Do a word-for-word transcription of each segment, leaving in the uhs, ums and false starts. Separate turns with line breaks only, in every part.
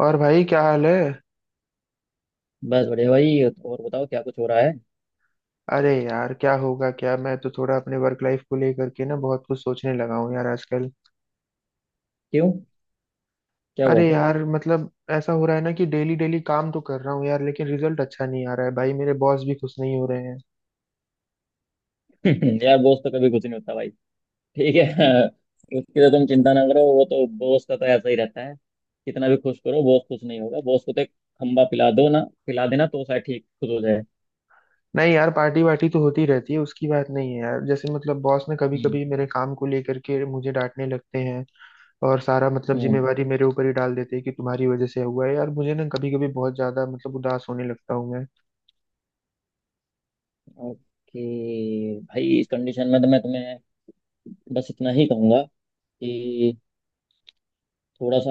और भाई क्या हाल है।
बस बढ़िया भाई। और बताओ क्या कुछ हो रहा है।
अरे यार क्या होगा क्या, मैं तो थोड़ा अपने वर्क लाइफ को लेकर के ना बहुत कुछ सोचने लगा हूँ यार आजकल।
क्यों? क्या हुआ?
अरे यार मतलब ऐसा हो रहा है ना कि डेली डेली काम तो कर रहा हूँ यार, लेकिन रिजल्ट अच्छा नहीं आ रहा है भाई, मेरे बॉस भी खुश नहीं हो रहे हैं।
यार बॉस तो कभी कुछ नहीं होता भाई। ठीक है। उसकी तो तुम चिंता ना करो, वो तो बॉस का तो ऐसा ही रहता है। कितना भी खुश करो बॉस खुश नहीं होगा। बॉस को तो एक खम्बा पिला दो ना, पिला देना तो शायद ठीक खुश हो जाए।
नहीं यार, पार्टी वार्टी तो होती रहती है, उसकी बात नहीं है यार। जैसे मतलब बॉस ने कभी
हम्म।
कभी मेरे काम को लेकर के मुझे डांटने लगते हैं और सारा मतलब
हम्म।
जिम्मेवारी मेरे ऊपर ही डाल देते हैं कि तुम्हारी वजह से हुआ है। यार मुझे ना कभी कभी बहुत ज्यादा मतलब उदास होने लगता हूँ मैं।
ओके भाई, इस कंडीशन में तो मैं तुम्हें बस इतना ही कहूंगा कि थोड़ा सा,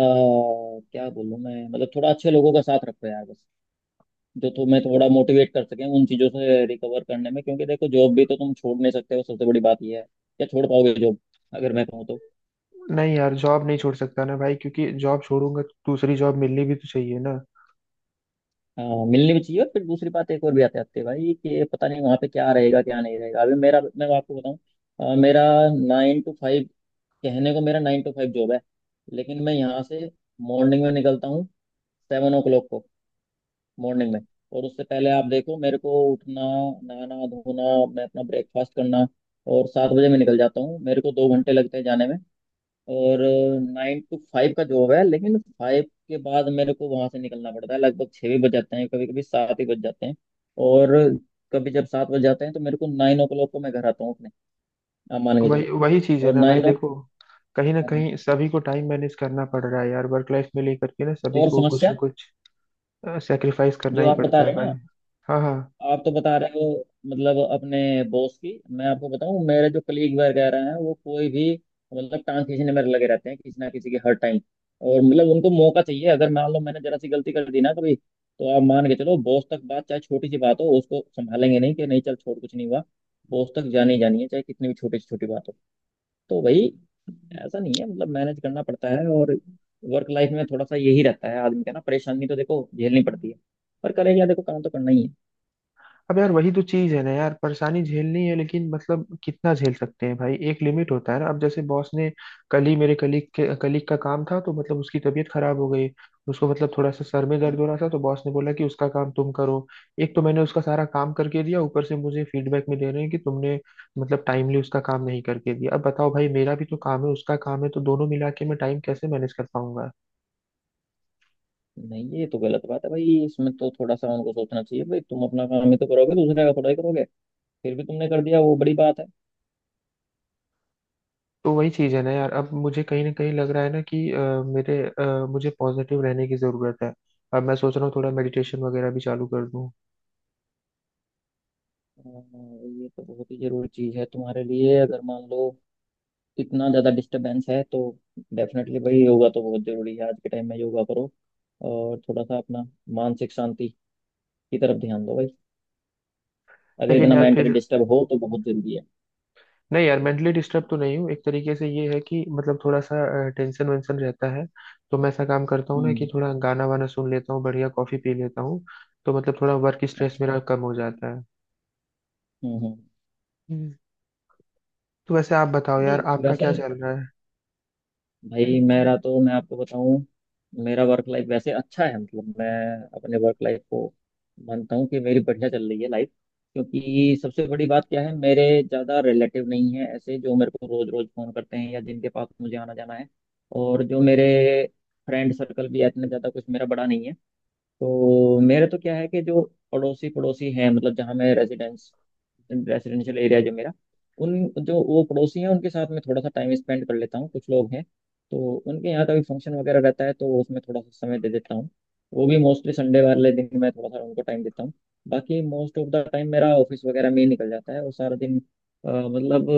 क्या बोलूं मैं, मतलब थोड़ा अच्छे लोगों का साथ रखो यार बस। जो तुम्हें थोड़ा मोटिवेट कर सकें उन चीजों से रिकवर करने में, क्योंकि देखो जॉब भी तो तुम छोड़ नहीं सकते हो। सबसे बड़ी बात ये है, क्या छोड़ पाओगे जॉब अगर मैं कहूँ तो?
नहीं यार, जॉब नहीं छोड़ सकता ना भाई, क्योंकि जॉब छोड़ूंगा तो दूसरी जॉब मिलनी भी तो चाहिए ना।
हाँ, मिलनी भी चाहिए। और फिर दूसरी बात एक और भी आते आते भाई कि पता नहीं वहाँ पे क्या रहेगा क्या नहीं रहेगा। अभी मेरा, मैं आपको बताऊँ। अ, मेरा नाइन टू फाइव, कहने को मेरा नाइन टू फाइव जॉब है। लेकिन मैं यहाँ से मॉर्निंग में निकलता हूँ, सेवन ओ क्लॉक को, मॉर्निंग में। और उससे पहले आप देखो, मेरे को उठना, नहाना धोना, मैं अपना ब्रेकफास्ट करना, और सात बजे मैं निकल जाता हूँ। मेरे को दो घंटे लगते हैं जाने में। और नाइन टू फाइव का जॉब है, लेकिन फाइव के बाद मेरे को वहां से निकलना पड़ता है। लगभग छः भी बज जाते हैं, कभी कभी सात ही बज जाते हैं। और कभी जब सात बज जाते हैं तो मेरे को नाइन ओ क्लॉक को मैं घर आता हूँ, अपने आप मान
तो
के
वही
चलो।
वही चीज है
और
ना भाई,
नाइन ओ
देखो कहीं ना कहीं सभी को टाइम मैनेज करना पड़ रहा है यार, वर्क लाइफ में लेकर के ना सभी
और
को कुछ
समस्या
ना कुछ सेक्रीफाइस करना
जो
ही
आप बता
पड़ता है
रहे हैं
भाई।
ना,
हाँ हाँ।
आप तो बता रहे हो मतलब अपने बॉस की। मैं आपको बताऊं मेरे जो कलीग वगैरह हैं वो कोई भी, मतलब टांग खींचने में लगे रहते हैं किसी ना किसी के हर टाइम। और मतलब उनको मौका चाहिए, अगर मान लो मैंने जरा सी गलती कर दी ना कभी, तो आप मान के चलो बॉस तक बात, चाहे छोटी सी बात हो, उसको संभालेंगे नहीं कि नहीं चल छोड़ कुछ नहीं हुआ। बॉस तक जानी ही जानी है, चाहे कितनी भी छोटी से छोटी बात हो। तो भाई ऐसा नहीं है, मतलब मैनेज करना पड़ता है। और वर्क लाइफ में थोड़ा सा यही रहता है आदमी का ना, परेशानी तो देखो झेलनी पड़ती है। पर करें क्या, देखो काम तो करना ही
अब यार वही तो चीज है ना यार, परेशानी झेलनी है, लेकिन मतलब कितना झेल सकते हैं भाई, एक लिमिट होता है ना। अब जैसे बॉस ने कल ही, मेरे कलीग के कलीग का काम था तो मतलब उसकी तबीयत खराब हो गई, उसको मतलब थोड़ा सा सर में
है।
दर्द हो रहा था, तो बॉस ने बोला कि उसका काम तुम करो। एक तो मैंने उसका सारा काम करके दिया, ऊपर से मुझे फीडबैक में दे रहे हैं कि तुमने मतलब टाइमली उसका काम नहीं करके दिया। अब बताओ भाई, मेरा भी तो काम है, उसका काम है, तो दोनों मिला के मैं टाइम कैसे मैनेज कर पाऊंगा।
नहीं, ये तो गलत बात है भाई। इसमें तो थोड़ा सा उनको सोचना चाहिए भाई, तुम अपना काम ही तो करोगे, दूसरे का थोड़ा ही करोगे। फिर भी तुमने कर दिया, वो बड़ी बात है।
तो वही चीज़ है ना यार, अब मुझे कहीं ना कहीं लग रहा है ना कि अ, मेरे अ, मुझे पॉजिटिव रहने की ज़रूरत है। अब मैं सोच रहा हूँ थोड़ा मेडिटेशन वगैरह भी चालू कर दूँ।
हाँ, ये तो बहुत ही जरूरी चीज है तुम्हारे लिए। अगर मान लो इतना ज्यादा डिस्टरबेंस है तो डेफिनेटली भाई, योगा तो बहुत जरूरी है आज के टाइम में, योगा करो। और थोड़ा सा अपना मानसिक शांति की तरफ ध्यान दो भाई, अगर
लेकिन
इतना
यार
मेंटली
फिर
डिस्टर्ब हो तो बहुत जरूरी है।
नहीं यार, मेंटली डिस्टर्ब तो नहीं हूँ, एक तरीके से ये है कि मतलब थोड़ा सा टेंशन वेंशन रहता है। तो मैं ऐसा काम करता हूँ ना कि
हम्म।
थोड़ा गाना वाना सुन लेता हूँ, बढ़िया कॉफ़ी पी लेता हूँ, तो मतलब थोड़ा वर्क स्ट्रेस
अच्छा।
मेरा कम हो जाता है।
हम्म। हम्म।
हम्म। तो वैसे आप बताओ यार,
नहीं
आपका क्या
वैसे
चल रहा है।
भाई मेरा तो, मैं आपको बताऊं, मेरा वर्क लाइफ वैसे अच्छा है, मतलब मैं अपने वर्क लाइफ को मानता हूँ कि मेरी बढ़िया चल रही है लाइफ। क्योंकि सबसे बड़ी बात क्या है, मेरे ज़्यादा रिलेटिव नहीं है ऐसे जो मेरे को रोज़ रोज़ फ़ोन करते हैं या जिनके पास मुझे आना जाना है। और जो मेरे फ्रेंड सर्कल भी है, इतना ज़्यादा कुछ मेरा बड़ा नहीं है। तो मेरे तो क्या है कि जो पड़ोसी पड़ोसी हैं, मतलब जहाँ मैं रेजिडेंस रेसिडेंशियल एरिया जो मेरा, उन, जो वो पड़ोसी हैं उनके साथ में थोड़ा सा टाइम स्पेंड कर लेता हूँ, कुछ लोग हैं। तो उनके यहाँ का भी फंक्शन वगैरह रहता है तो उसमें थोड़ा सा समय दे देता हूँ। वो भी मोस्टली संडे वाले दिन मैं थोड़ा सा उनको टाइम देता हूँ। बाकी मोस्ट ऑफ द टाइम मेरा ऑफिस वगैरह में ही निकल जाता है वो सारा दिन। अ, मतलब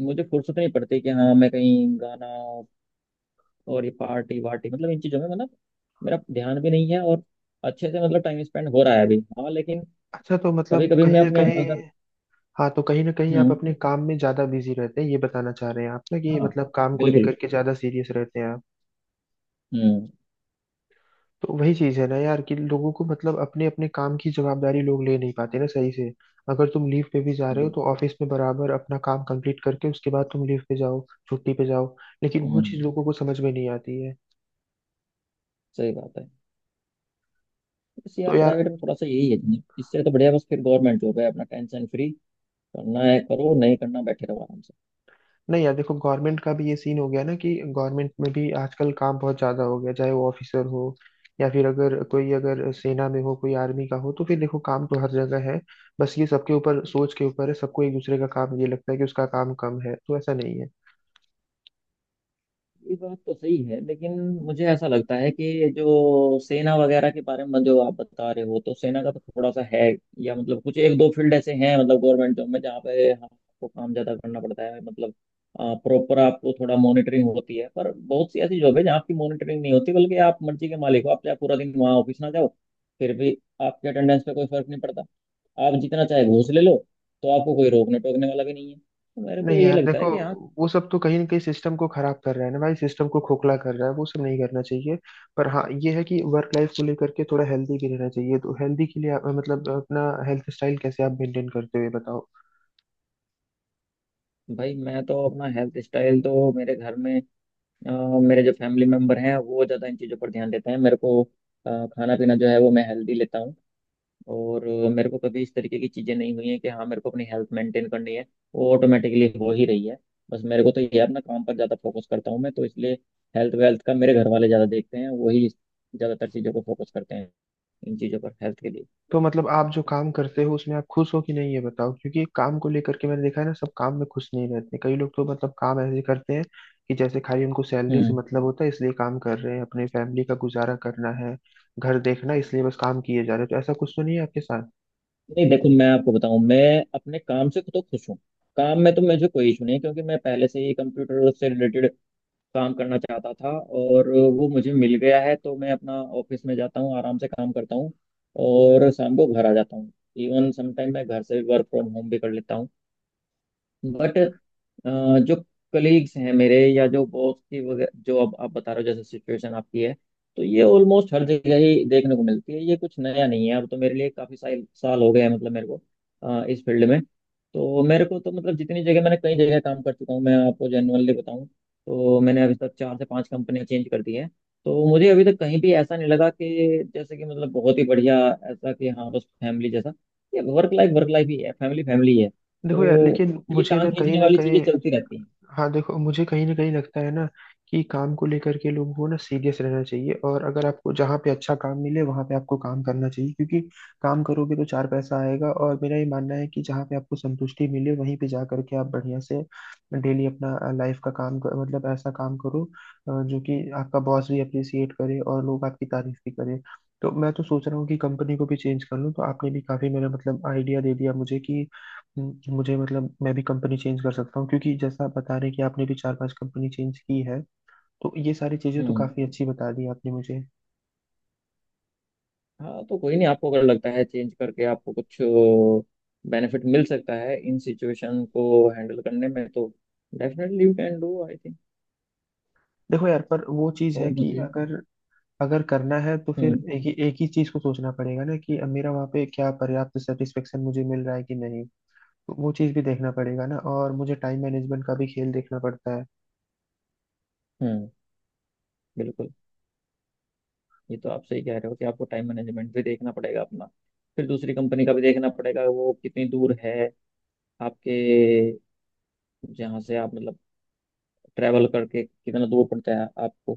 मुझे फुर्सत नहीं पड़ती कि हाँ मैं कहीं गाना, और ये पार्टी वार्टी मतलब इन चीज़ों में, मतलब मेरा ध्यान भी नहीं है। और अच्छे से मतलब टाइम स्पेंड हो रहा है अभी, हाँ लेकिन
अच्छा, तो
कभी
मतलब
कभी मैं
कहीं ना
अपने
कहीं,
अगर,
हाँ तो कहीं ना कहीं आप
हम्म,
अपने काम में ज्यादा बिजी रहते हैं, ये बताना चाह रहे हैं आप ना, कि
हाँ
मतलब काम को
बिल्कुल,
लेकर के ज्यादा सीरियस रहते हैं आप।
हम्म,
तो वही चीज है ना यार, कि लोगों को मतलब अपने अपने काम की जवाबदारी लोग ले नहीं पाते ना सही से। अगर तुम लीव पे भी जा रहे हो,
बिल्कुल,
तो ऑफिस में बराबर अपना काम कंप्लीट करके उसके बाद तुम लीव पे जाओ, छुट्टी पे जाओ। लेकिन वो
हम्म,
चीज लोगों को समझ में नहीं आती है।
सही बात है। बस
तो
यार
यार
प्राइवेट में थोड़ा सा यही है। इससे तो बढ़िया बस फिर गवर्नमेंट जॉब है अपना, टेंशन फ्री। करना है करो, नहीं करना बैठे रहो आराम से।
नहीं यार देखो, गवर्नमेंट का भी ये सीन हो गया ना कि गवर्नमेंट में भी आजकल काम बहुत ज्यादा हो गया, चाहे वो ऑफिसर हो या फिर अगर कोई, अगर सेना में हो, कोई आर्मी का हो, तो फिर देखो काम तो हर जगह है। बस ये सबके ऊपर, सोच के ऊपर है। सबको एक दूसरे का काम ये लगता है कि उसका काम कम है, तो ऐसा नहीं है।
ये बात तो सही है, लेकिन मुझे ऐसा लगता है कि जो सेना वगैरह के बारे में जो आप बता रहे हो, तो सेना का तो थोड़ा सा है। या मतलब कुछ एक दो फील्ड ऐसे हैं मतलब गवर्नमेंट जॉब में, जहाँ पे आपको काम ज्यादा करना पड़ता है, मतलब प्रॉपर आपको थोड़ा मॉनिटरिंग होती है। पर बहुत सी ऐसी जॉब है जहाँ आपकी मॉनिटरिंग नहीं होती, बल्कि आप मर्जी के मालिक हो। आप चाहे पूरा दिन वहाँ ऑफिस ना जाओ, फिर भी आपके अटेंडेंस पे कोई फर्क नहीं पड़ता। आप जितना चाहे घूस ले लो, तो आपको कोई रोकने टोकने वाला भी नहीं है। तो मेरे को
नहीं
ये
यार
लगता है
देखो,
कि हाँ।
वो सब तो कहीं ना कहीं सिस्टम को खराब कर रहा है ना भाई, सिस्टम को खोखला कर रहा है, वो सब नहीं करना चाहिए। पर हाँ ये है कि वर्क लाइफ को लेकर के थोड़ा हेल्दी भी रहना चाहिए। तो हेल्दी के लिए आप- मतलब अपना हेल्थ स्टाइल कैसे आप मेंटेन करते हो, ये बताओ।
भाई मैं तो अपना हेल्थ स्टाइल तो मेरे घर में, अ, मेरे जो फैमिली मेम्बर हैं वो ज़्यादा इन चीज़ों पर ध्यान देते हैं। मेरे को अ, खाना पीना जो है वो मैं हेल्दी लेता हूँ। और अ, मेरे को कभी इस तरीके की चीज़ें नहीं हुई हैं कि हाँ मेरे को अपनी हेल्थ मेंटेन करनी है। वो ऑटोमेटिकली हो ही रही है। बस मेरे को तो ये है, अपना काम पर ज़्यादा फोकस करता हूँ मैं तो, इसलिए हेल्थ वेल्थ का मेरे घर वाले ज़्यादा देखते हैं। वही ज़्यादातर चीज़ों को फोकस करते हैं इन चीज़ों पर, हेल्थ के
तो मतलब आप जो काम करते हो उसमें आप खुश हो कि नहीं, ये बताओ, क्योंकि काम को लेकर के मैंने देखा है ना, सब काम में खुश नहीं रहते। कई लोग तो मतलब काम ऐसे करते हैं कि जैसे खाली उनको सैलरी से
लिए।
मतलब होता है, इसलिए काम कर रहे हैं, अपने फैमिली का गुजारा करना है, घर देखना है, इसलिए बस काम किए जा रहे हैं। तो ऐसा कुछ तो नहीं है आपके साथ।
नहीं देखो, मैं आपको बताऊं, मैं अपने काम से तो खुश हूँ। काम में तो मुझे कोई इशू नहीं है, क्योंकि मैं पहले से ही कंप्यूटर से रिलेटेड काम करना चाहता था और वो मुझे मिल गया है। तो मैं अपना ऑफिस में जाता हूँ आराम से काम करता हूँ और शाम को घर आ जाता हूँ। इवन समटाइम मैं घर से वर्क फ्रॉम होम भी कर लेता हूँ। बट अ, जो कलीग्स हैं मेरे या जो बॉस की वगैरह, जो अब आप बता रहे हो जैसे सिचुएशन आपकी है, तो ये ऑलमोस्ट हर जगह ही देखने को मिलती है, ये कुछ नया नहीं है। अब तो मेरे लिए काफी साल साल हो गए हैं मतलब मेरे को, अ, इस फील्ड में तो मेरे को तो मतलब जितनी जगह, मैंने कई जगह काम कर चुका हूँ, मैं आपको जेनुअनली बताऊँ। तो मैंने अभी तक चार से पांच कंपनियां चेंज कर दी हैं। तो मुझे अभी तक कहीं भी ऐसा नहीं लगा कि जैसे कि मतलब बहुत ही बढ़िया, ऐसा कि हाँ बस फैमिली जैसा। ये वर्क लाइफ वर्क लाइफ ही है, फैमिली फैमिली है
देखो यार,
तो।
लेकिन
ये
मुझे
टांग
ना कहीं
खींचने
ना
वाली चीजें
कहीं,
चलती रहती हैं।
हाँ देखो मुझे कहीं ना कहीं लगता है ना कि काम को लेकर के लोगों को ना सीरियस रहना चाहिए, और अगर आपको जहाँ पे अच्छा काम मिले वहाँ पे आपको काम करना चाहिए, क्योंकि काम करोगे तो चार पैसा आएगा। और मेरा ये मानना है कि जहाँ पे आपको संतुष्टि मिले वहीं पे जा करके आप बढ़िया से डेली अपना लाइफ का काम कर, मतलब ऐसा काम करो अ, जो कि आपका बॉस भी अप्रिसिएट करे और लोग आपकी तारीफ भी करें। तो मैं तो सोच रहा हूँ कि कंपनी को भी चेंज कर लूँ, तो आपने भी काफी मेरा मतलब आइडिया दे दिया मुझे कि हम्म, मुझे मतलब मैं भी कंपनी चेंज कर सकता हूँ, क्योंकि जैसा आप बता रहे हैं कि आपने भी चार पांच कंपनी चेंज की है। तो ये सारी चीजें तो
हम्म।
काफी अच्छी बता दी आपने मुझे।
हाँ तो कोई नहीं, आपको अगर लगता है चेंज करके आपको कुछ बेनिफिट मिल सकता है इन सिचुएशन को हैंडल करने में तो definitely you can do I think.
देखो यार, पर वो चीज है
और
कि
बताइए।
अगर, अगर करना है तो फिर
हम्म।
एक ही एक ही चीज को सोचना पड़ेगा ना कि मेरा वहाँ पे क्या पर्याप्त सेटिस्फेक्शन मुझे मिल रहा है कि नहीं। तो वो चीज भी देखना पड़ेगा ना, और मुझे टाइम मैनेजमेंट का भी खेल देखना पड़ता है।
हम्म। बिल्कुल। ये तो आप सही कह रहे हो कि आपको टाइम मैनेजमेंट भी देखना पड़ेगा अपना। फिर दूसरी कंपनी का भी देखना पड़ेगा, वो कितनी दूर है आपके, जहाँ से आप मतलब ट्रैवल करके कितना दूर पड़ता है आपको,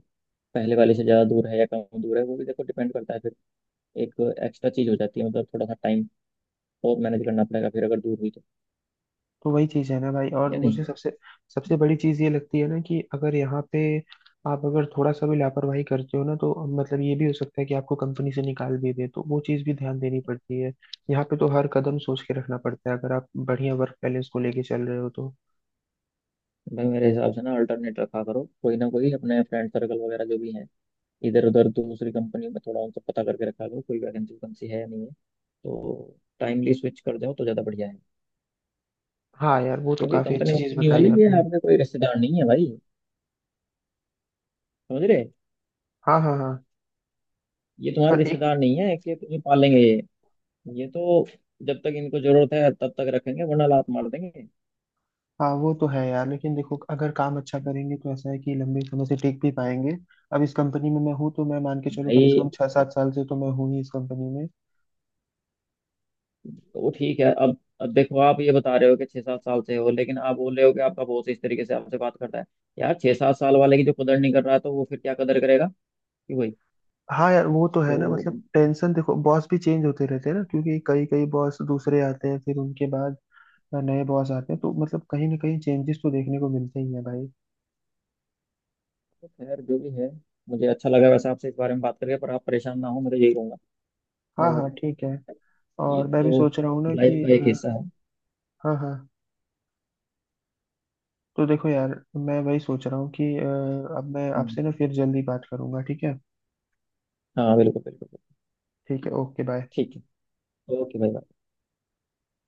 पहले वाले से ज़्यादा दूर है या कम दूर है, वो भी देखो डिपेंड करता है। एक एक्स्ट्रा चीज हो जाती है, मतलब थोड़ा सा टाइम और मैनेज करना पड़ेगा फिर अगर दूर हुई तो,
तो वही चीज है ना भाई, और
या नहीं।
मुझे सबसे सबसे बड़ी चीज ये लगती है ना कि अगर यहाँ पे आप अगर थोड़ा सा भी लापरवाही करते हो ना, तो मतलब ये भी हो सकता है कि आपको कंपनी से निकाल भी दे, तो वो चीज भी ध्यान देनी पड़ती है। यहाँ पे तो हर कदम सोच के रखना पड़ता है, अगर आप बढ़िया वर्क बैलेंस को लेके चल रहे हो तो।
भाई मेरे हिसाब से ना, अल्टरनेट रखा करो। कोई ना कोई अपने फ्रेंड सर्कल वगैरह जो भी हैं, इधर उधर दूसरी कंपनी में थोड़ा उनसे पता करके रखा करो कोई वैकेंसी वैकेंसी है या नहीं है। तो टाइमली स्विच कर जाओ तो ज़्यादा बढ़िया है।
हाँ यार, वो तो
क्योंकि
काफी
कंपनी
अच्छी चीज
कंपनी
बताई
वाले ये
आपने।
आपके कोई रिश्तेदार नहीं है भाई, समझ रहे?
हाँ हाँ हाँ।
ये तुम्हारे
पर एक,
रिश्तेदार नहीं है कि तुम्हें पालेंगे ये। ये तो जब तक इनको जरूरत है तब तक रखेंगे, वरना लात मार देंगे
हाँ वो तो है यार, लेकिन देखो अगर काम अच्छा करेंगे तो ऐसा है कि लंबे समय से टिक भी पाएंगे। अब इस कंपनी में मैं हूँ, तो मैं मान के चलो कम से
भाई।
कम छह सात साल से तो मैं हूँ ही इस कंपनी में।
तो ठीक है। अब अब देखो, आप ये बता रहे हो कि छह सात साल से हो, लेकिन आप बोल रहे हो कि आपका बॉस इस तरीके से आपसे बात करता है। यार छह सात साल वाले की जो कदर नहीं कर रहा है तो वो फिर क्या कदर करेगा, कि वही
हाँ यार वो तो
तो।
है ना, मतलब टेंशन देखो, बॉस भी चेंज होते रहते हैं ना, क्योंकि कई कई बॉस दूसरे आते हैं, फिर उनके बाद नए बॉस आते हैं, तो मतलब कहीं ना कहीं चेंजेस तो देखने को मिलते ही है भाई।
खैर जो भी है, मुझे अच्छा लगा वैसे आपसे इस बारे में बात करके। पर आप परेशान ना हो, मैं तो यही कहूंगा।
हाँ हाँ
और
ठीक है।
ये
और मैं
तो
भी सोच रहा हूँ ना
लाइफ
कि
का एक
अ,
हिस्सा है।
हाँ हाँ। तो देखो यार मैं वही सोच रहा हूँ कि अ, अब मैं
हम्म,
आपसे ना फिर जल्दी बात करूंगा, ठीक है।
हाँ बिल्कुल बिल्कुल बिल्कुल।
ठीक है, ओके बाय।
ठीक है ओके भाई।